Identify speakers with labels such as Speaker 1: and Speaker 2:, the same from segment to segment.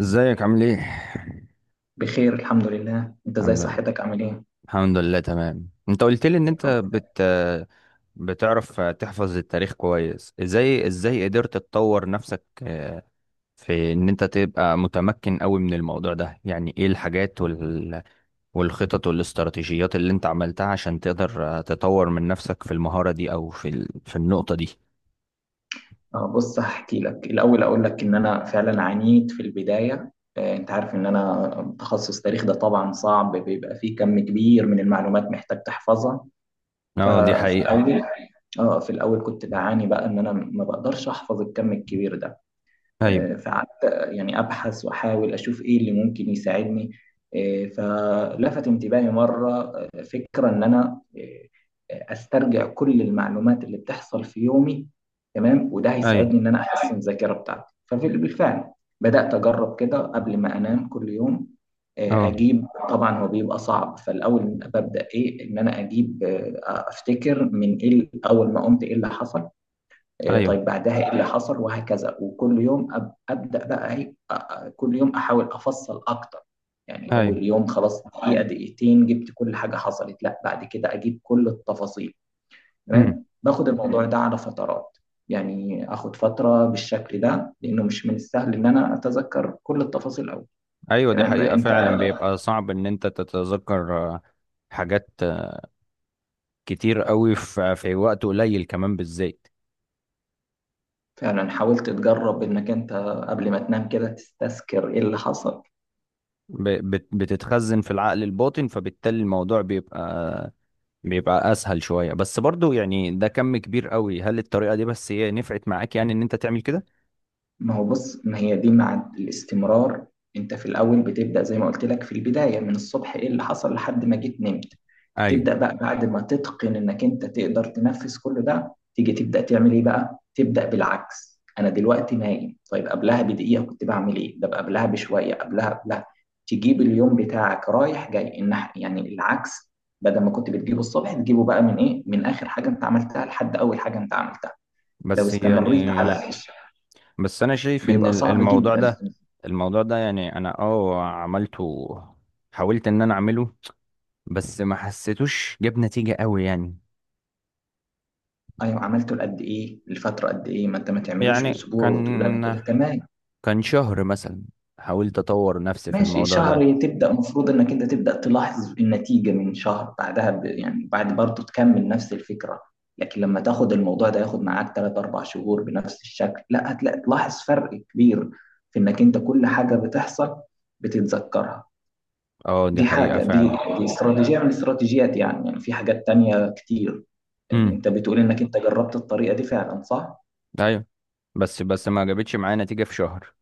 Speaker 1: ازيك عامل ايه؟
Speaker 2: بخير الحمد لله، انت ازاي؟
Speaker 1: الحمد لله.
Speaker 2: صحتك عامل ايه؟
Speaker 1: الحمد لله تمام. انت قلت لي ان انت
Speaker 2: الحمد
Speaker 1: بت
Speaker 2: لله.
Speaker 1: بتعرف تحفظ التاريخ كويس، ازاي قدرت تطور نفسك في ان انت تبقى متمكن قوي من الموضوع ده. يعني ايه الحاجات والخطط والاستراتيجيات اللي انت عملتها عشان تقدر تطور من نفسك في المهارة دي او في النقطة دي؟
Speaker 2: اه بص، هحكي لك الاول. اقول لك ان انا فعلا عانيت في البدايه، انت عارف ان انا تخصص تاريخ، ده طبعا صعب، بيبقى فيه كم كبير من المعلومات محتاج تحفظها.
Speaker 1: اه دي
Speaker 2: ففي
Speaker 1: حقيقة.
Speaker 2: الاول اه في الاول كنت بعاني بقى ان انا ما بقدرش احفظ الكم الكبير ده.
Speaker 1: ايوه.
Speaker 2: فقعدت يعني أبحث وأحاول أشوف إيه اللي ممكن يساعدني. فلفت انتباهي مرة فكرة إن أنا أسترجع كل المعلومات اللي بتحصل في يومي، تمام؟ وده
Speaker 1: ايوه.
Speaker 2: هيساعدني إن أنا أحسن الذاكرة بتاعتي. فبالفعل بدأت أجرب كده قبل ما أنام كل يوم.
Speaker 1: اه.
Speaker 2: أجيب، طبعا هو بيبقى صعب فالأول. ببدأ إيه؟ إن أنا أجيب أفتكر من إيه، أول ما قمت إيه اللي حصل، إيه،
Speaker 1: ايوه.
Speaker 2: طيب بعدها ايه اللي حصل، وهكذا. وكل يوم ابدا بقى ايه، كل يوم احاول افصل اكتر. يعني
Speaker 1: ايوه.
Speaker 2: اول يوم خلاص، دقيقه دقيقتين، جبت كل حاجه حصلت، لا بعد كده اجيب كل التفاصيل، تمام؟ باخد الموضوع ده على فترات، يعني اخد فتره بالشكل ده، لانه مش من السهل ان انا اتذكر كل التفاصيل أوي.
Speaker 1: ايوه دي
Speaker 2: تمام،
Speaker 1: حقيقة،
Speaker 2: انت
Speaker 1: فعلا بيبقى صعب ان انت تتذكر حاجات كتير قوي في وقت قليل كمان بالذات.
Speaker 2: فعلا حاولت تجرب انك انت قبل ما تنام كده تستذكر ايه اللي حصل.
Speaker 1: بتتخزن في العقل الباطن، فبالتالي الموضوع بيبقى بيبقى اسهل شوية، بس برضو يعني ده كم كبير قوي. هل الطريقة دي بس هي نفعت معاك، يعني ان انت تعمل كده؟
Speaker 2: ما هو بص، ما هي دي مع الاستمرار. انت في الاول بتبدا زي ما قلت لك، في البدايه من الصبح ايه اللي حصل لحد ما جيت نمت.
Speaker 1: ايوه.
Speaker 2: تبدا بقى بعد ما تتقن انك انت تقدر تنفذ كل ده، تيجي تبدا تعمل ايه بقى؟ تبدا بالعكس، انا دلوقتي نايم، طيب قبلها بدقيقه كنت بعمل ايه، ده قبلها بشويه، قبلها، قبلها. تجيب اليوم بتاعك رايح جاي، يعني العكس، بدل ما كنت بتجيبه الصبح، تجيبه بقى من ايه، من اخر حاجه انت عملتها لحد اول حاجه انت عملتها. لو
Speaker 1: بس
Speaker 2: استمريت على،
Speaker 1: يعني بس انا شايف ان
Speaker 2: بيبقى
Speaker 1: ال-
Speaker 2: صعب
Speaker 1: الموضوع
Speaker 2: جدا.
Speaker 1: ده الموضوع ده يعني انا اه عملته، حاولت ان انا اعمله، بس ما حسيتوش جاب نتيجة قوي يعني.
Speaker 2: ايوه، عملته لقد ايه؟ لفتره قد ايه؟ ما انت ما تعملوش
Speaker 1: يعني
Speaker 2: اسبوع وتقول انا
Speaker 1: كان
Speaker 2: كده تمام.
Speaker 1: شهر مثلا حاولت اطور نفسي في
Speaker 2: ماشي،
Speaker 1: الموضوع ده.
Speaker 2: شهر تبدا المفروض انك انت تبدا تلاحظ النتيجه من شهر، بعدها يعني بعد، برضه تكمل نفس الفكره. لكن لما تاخد الموضوع ده ياخد معاك 3-4 شهور بنفس الشكل، لا هتلاقي تلاحظ فرق كبير في انك انت كل حاجه بتحصل بتتذكرها.
Speaker 1: اه دي
Speaker 2: دي
Speaker 1: حقيقة
Speaker 2: حاجه، دي،
Speaker 1: فعلا.
Speaker 2: دي استراتيجيه من الاستراتيجيات. يعني يعني في حاجات تانية كتير.
Speaker 1: امم.
Speaker 2: انت بتقول انك انت جربت الطريقه دي فعلا، صح؟
Speaker 1: ايوه. بس ما جابتش معايا نتيجة في شهر.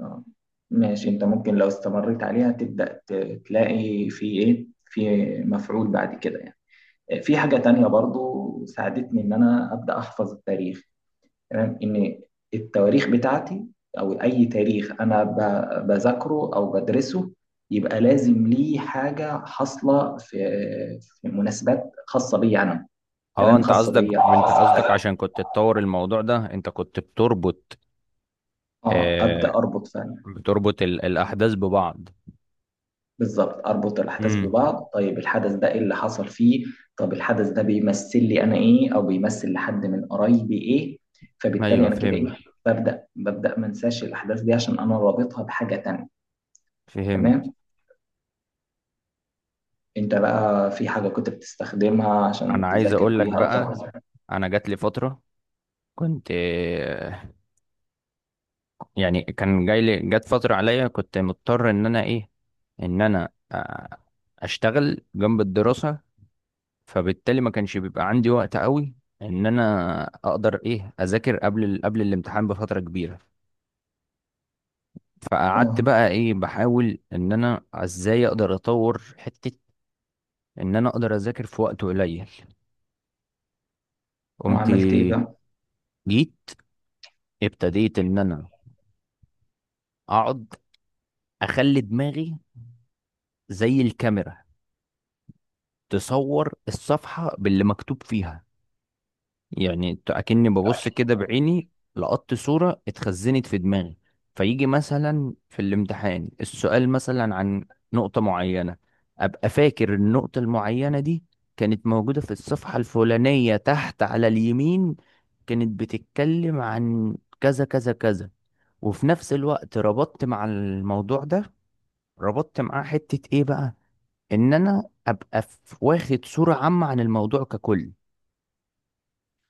Speaker 2: آه. ماشي، انت ممكن لو استمريت عليها تبدأ تلاقي في ايه، في مفعول بعد كده يعني. في حاجة تانية برضو ساعدتني ان انا أبدأ احفظ التاريخ، تمام؟ ان التواريخ بتاعتي او اي تاريخ انا بذاكره او بدرسه، يبقى
Speaker 1: مم.
Speaker 2: لازم ليه حاجة حاصلة في، في مناسبات خاصة بيا انا،
Speaker 1: اه
Speaker 2: تمام؟
Speaker 1: انت
Speaker 2: خاصة
Speaker 1: قصدك،
Speaker 2: بيا، خاصة.
Speaker 1: عشان كنت تطور الموضوع ده انت كنت بتربط.
Speaker 2: اه، أبدأ
Speaker 1: آه،
Speaker 2: اربط فعلا،
Speaker 1: بتربط الاحداث ببعض.
Speaker 2: بالظبط، اربط الاحداث
Speaker 1: امم.
Speaker 2: ببعض. طيب الحدث ده ايه اللي حصل فيه؟ طب الحدث ده بيمثل لي انا ايه، او بيمثل لحد من قرايبي ايه؟ فبالتالي
Speaker 1: ايوه
Speaker 2: انا كده ايه،
Speaker 1: فهمت.
Speaker 2: ببدا ما انساش الاحداث دي عشان انا رابطها بحاجه تانية.
Speaker 1: فهمت.
Speaker 2: تمام، انت بقى في حاجه كنت بتستخدمها
Speaker 1: انا
Speaker 2: عشان
Speaker 1: عايز
Speaker 2: تذاكر
Speaker 1: اقول لك
Speaker 2: بيها او
Speaker 1: بقى،
Speaker 2: تاخد؟
Speaker 1: انا جات لي فترة كنت، يعني كان جاي لي جت فترة عليا كنت مضطر ان انا ايه، ان انا اشتغل جنب الدراسة، فبالتالي ما كانش بيبقى عندي وقت قوي ان انا اقدر ايه اذاكر قبل قبل الامتحان بفترة كبيرة. فقعدت
Speaker 2: اه،
Speaker 1: بقى ايه بحاول ان انا ازاي اقدر اطور حتة ان انا اقدر اذاكر في وقت قليل. قمت
Speaker 2: وعملت ايه بقى؟
Speaker 1: جيت ابتديت ان انا اقعد اخلي دماغي زي الكاميرا تصور الصفحة باللي مكتوب فيها. يعني اكني ببص كده بعيني، لقطت صورة اتخزنت في دماغي. فيجي مثلا في الامتحان السؤال مثلا عن نقطة معينة، ابقى فاكر النقطة المعينة دي كانت موجودة في الصفحة الفلانية تحت على اليمين، كانت بتتكلم عن كذا كذا كذا. وفي نفس الوقت ربطت مع الموضوع ده، ربطت معاه حتة ايه بقى، ان انا ابقى واخد صورة عامة عن الموضوع ككل.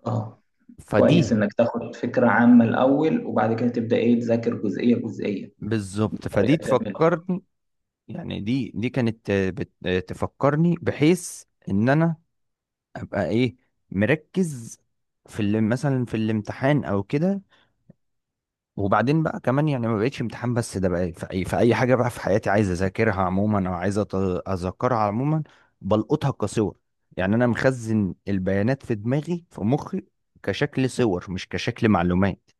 Speaker 2: اه،
Speaker 1: فدي
Speaker 2: كويس انك تاخد فكره عامه الاول، وبعد كده تبدا ايه، تذاكر جزئيه جزئيه،
Speaker 1: بالظبط، فدي
Speaker 2: بطريقه جميله خالص.
Speaker 1: تفكرني. يعني دي كانت تفكرني بحيث ان انا ابقى ايه مركز في اللي مثلا في الامتحان او كده. وبعدين بقى كمان يعني ما بقتش امتحان بس، ده بقى في اي في اي حاجه بقى في حياتي عايز اذاكرها عموما، او عايز اذكرها عموما بلقطها كصور. يعني انا مخزن البيانات في دماغي في مخي كشكل صور مش كشكل معلومات.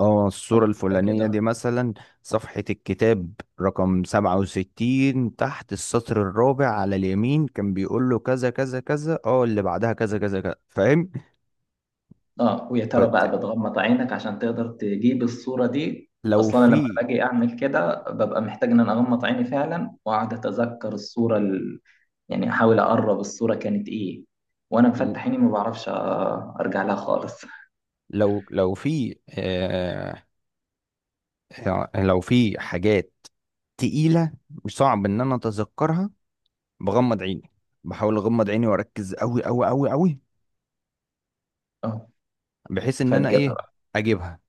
Speaker 1: اه الصورة
Speaker 2: اه انت
Speaker 1: الفلانية دي
Speaker 2: كده.
Speaker 1: مثلا صفحة الكتاب رقم 67 تحت السطر الرابع على اليمين، كان بيقول له كذا كذا كذا، اه اللي بعدها كذا كذا كذا، فاهم؟
Speaker 2: اه، ويا ترى
Speaker 1: كنت،
Speaker 2: بقى بتغمض عينك عشان تقدر تجيب الصورة دي؟
Speaker 1: لو
Speaker 2: اصلا لما
Speaker 1: في،
Speaker 2: باجي اعمل كده ببقى محتاج ان انا اغمض عيني فعلا، واقعد اتذكر الصورة يعني احاول اقرب الصورة كانت ايه. وانا مفتح عيني ما بعرفش ارجع لها خالص.
Speaker 1: لو في آه، لو في حاجات تقيلة مش صعب ان انا اتذكرها، بغمض عيني، بحاول اغمض عيني واركز قوي قوي قوي قوي
Speaker 2: اه،
Speaker 1: بحيث ان انا
Speaker 2: فتجيبها
Speaker 1: ايه
Speaker 2: بقى.
Speaker 1: اجيبها.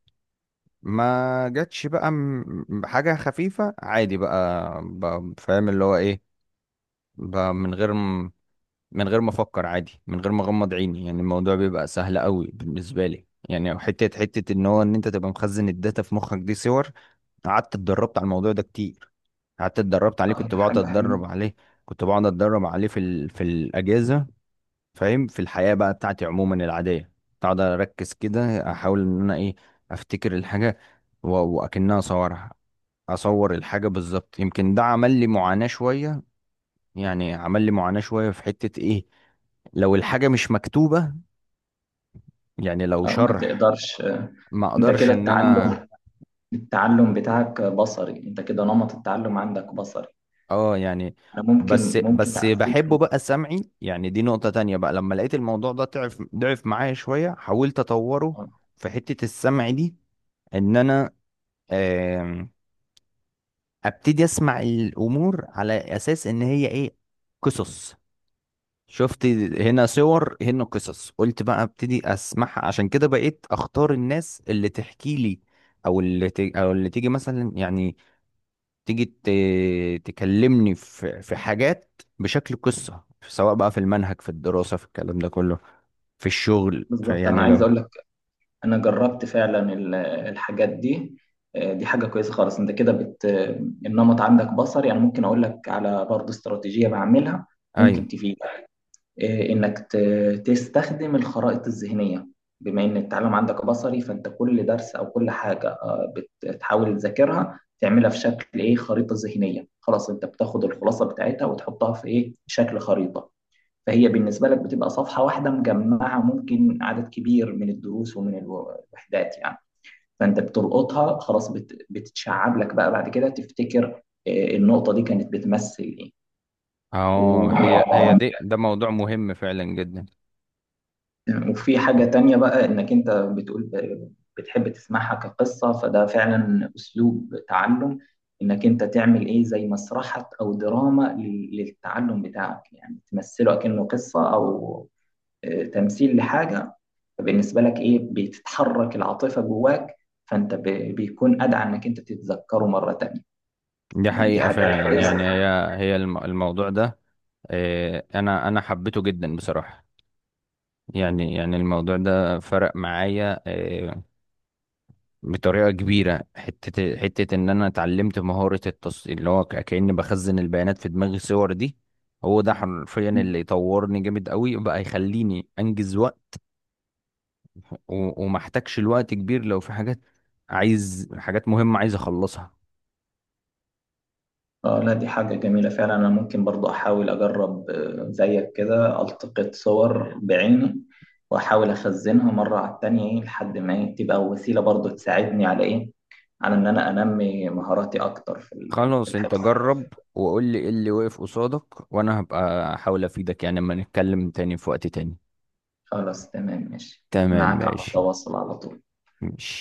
Speaker 1: ما جاتش بقى حاجة خفيفة عادي بقى، بقى فاهم اللي هو ايه بقى، من غير من غير ما افكر عادي، من غير ما اغمض عيني، يعني الموضوع بيبقى سهل قوي بالنسبة لي. يعني حتة ان هو ان انت تبقى مخزن الداتا في مخك دي صور. قعدت اتدربت على الموضوع ده كتير، قعدت اتدربت عليه،
Speaker 2: اه، هي حاجة حلوة.
Speaker 1: كنت بقعد اتدرب عليه في الاجازة، فاهم، في الحياة بقى بتاعتي عموما العادية. اقعد اركز كده احاول ان انا ايه افتكر الحاجة واكنها اصورها، اصور الحاجة بالظبط. يمكن ده عمل لي معاناة شوية، يعني عمل لي معاناة شوية في حتة ايه، لو الحاجة مش مكتوبة يعني لو
Speaker 2: اه، ما
Speaker 1: شرح،
Speaker 2: تقدرش
Speaker 1: ما
Speaker 2: انت
Speaker 1: اقدرش
Speaker 2: كده
Speaker 1: ان انا
Speaker 2: التعلم، التعلم بتاعك بصري، انت كده نمط التعلم عندك بصري.
Speaker 1: اه يعني.
Speaker 2: انا
Speaker 1: بس
Speaker 2: ممكن، ممكن اديك
Speaker 1: بحبه بقى سمعي. يعني دي نقطة تانية بقى، لما لقيت الموضوع ده ضعف معايا شوية، حاولت اطوره
Speaker 2: آه،
Speaker 1: في حتة السمع دي. ان انا ابتدي اسمع الامور على اساس ان هي ايه قصص. شفت؟ هنا صور هنا قصص، قلت بقى ابتدي اسمعها، عشان كده بقيت اختار الناس اللي تحكي لي، او او اللي تيجي مثلا يعني، تيجي ت... تكلمني في حاجات بشكل قصة، سواء بقى في المنهج في الدراسة في الكلام ده كله، في الشغل، في
Speaker 2: بالظبط. انا
Speaker 1: يعني
Speaker 2: عايز
Speaker 1: لو.
Speaker 2: اقول لك، انا جربت فعلا الحاجات دي. دي حاجه كويسه خالص. انت كده بت، النمط عندك بصري. يعني ممكن اقول لك على برضه استراتيجيه بعملها،
Speaker 1: ايوه.
Speaker 2: ممكن تفيدك. انك تستخدم الخرائط الذهنيه. بما ان التعلم عندك بصري، فانت كل درس او كل حاجه بتحاول تذاكرها، تعملها في شكل ايه، خريطه ذهنيه. خلاص، انت بتاخد الخلاصه بتاعتها وتحطها في ايه، شكل خريطه. فهي بالنسبة لك بتبقى صفحة واحدة مجمعة، ممكن عدد كبير من الدروس ومن الوحدات يعني. فأنت بتلقطها خلاص، بتتشعب لك بقى، بعد كده تفتكر النقطة دي كانت بتمثل إيه.
Speaker 1: اه هي
Speaker 2: و-
Speaker 1: هي دي ده موضوع مهم فعلا جدا.
Speaker 2: وفي حاجة تانية بقى، إنك أنت بتقول بتحب تسمعها كقصة، فده فعلا أسلوب تعلم. إنك أنت تعمل إيه، زي مسرحة أو دراما للتعلم بتاعك. يعني تمثله كأنه قصة، أو تمثيل لحاجة. فبالنسبه لك ايه، بتتحرك العاطفه جواك، فانت بيكون ادعى انك انت تتذكره مره تانية.
Speaker 1: دي
Speaker 2: يعني دي
Speaker 1: حقيقة
Speaker 2: حاجه
Speaker 1: فعلا.
Speaker 2: كويسه.
Speaker 1: يعني هي هي الموضوع ده انا حبيته جدا بصراحه. يعني الموضوع ده فرق معايا بطريقه كبيره. حته ان انا اتعلمت مهاره التص اللي هو كاني بخزن البيانات في دماغي الصور دي. هو ده حرفيا اللي طورني جامد قوي بقى، يخليني انجز وقت وما احتاجش الوقت كبير لو في حاجات، عايز حاجات مهمه عايز اخلصها.
Speaker 2: اه لا، دي حاجه جميله فعلا. انا ممكن برضو احاول اجرب زيك كده، التقط صور بعيني واحاول اخزنها مره على التانية، ايه، لحد ما إيه، تبقى وسيله برضو تساعدني على ايه، على ان انا انمي مهاراتي اكتر في في
Speaker 1: خلاص انت
Speaker 2: الحفظ.
Speaker 1: جرب وقول لي ايه اللي واقف قصادك، وانا هبقى احاول افيدك يعني، اما نتكلم تاني في وقت تاني.
Speaker 2: خلاص تمام، ماشي،
Speaker 1: تمام
Speaker 2: معاك على
Speaker 1: ماشي.
Speaker 2: تواصل على طول.
Speaker 1: ماشي.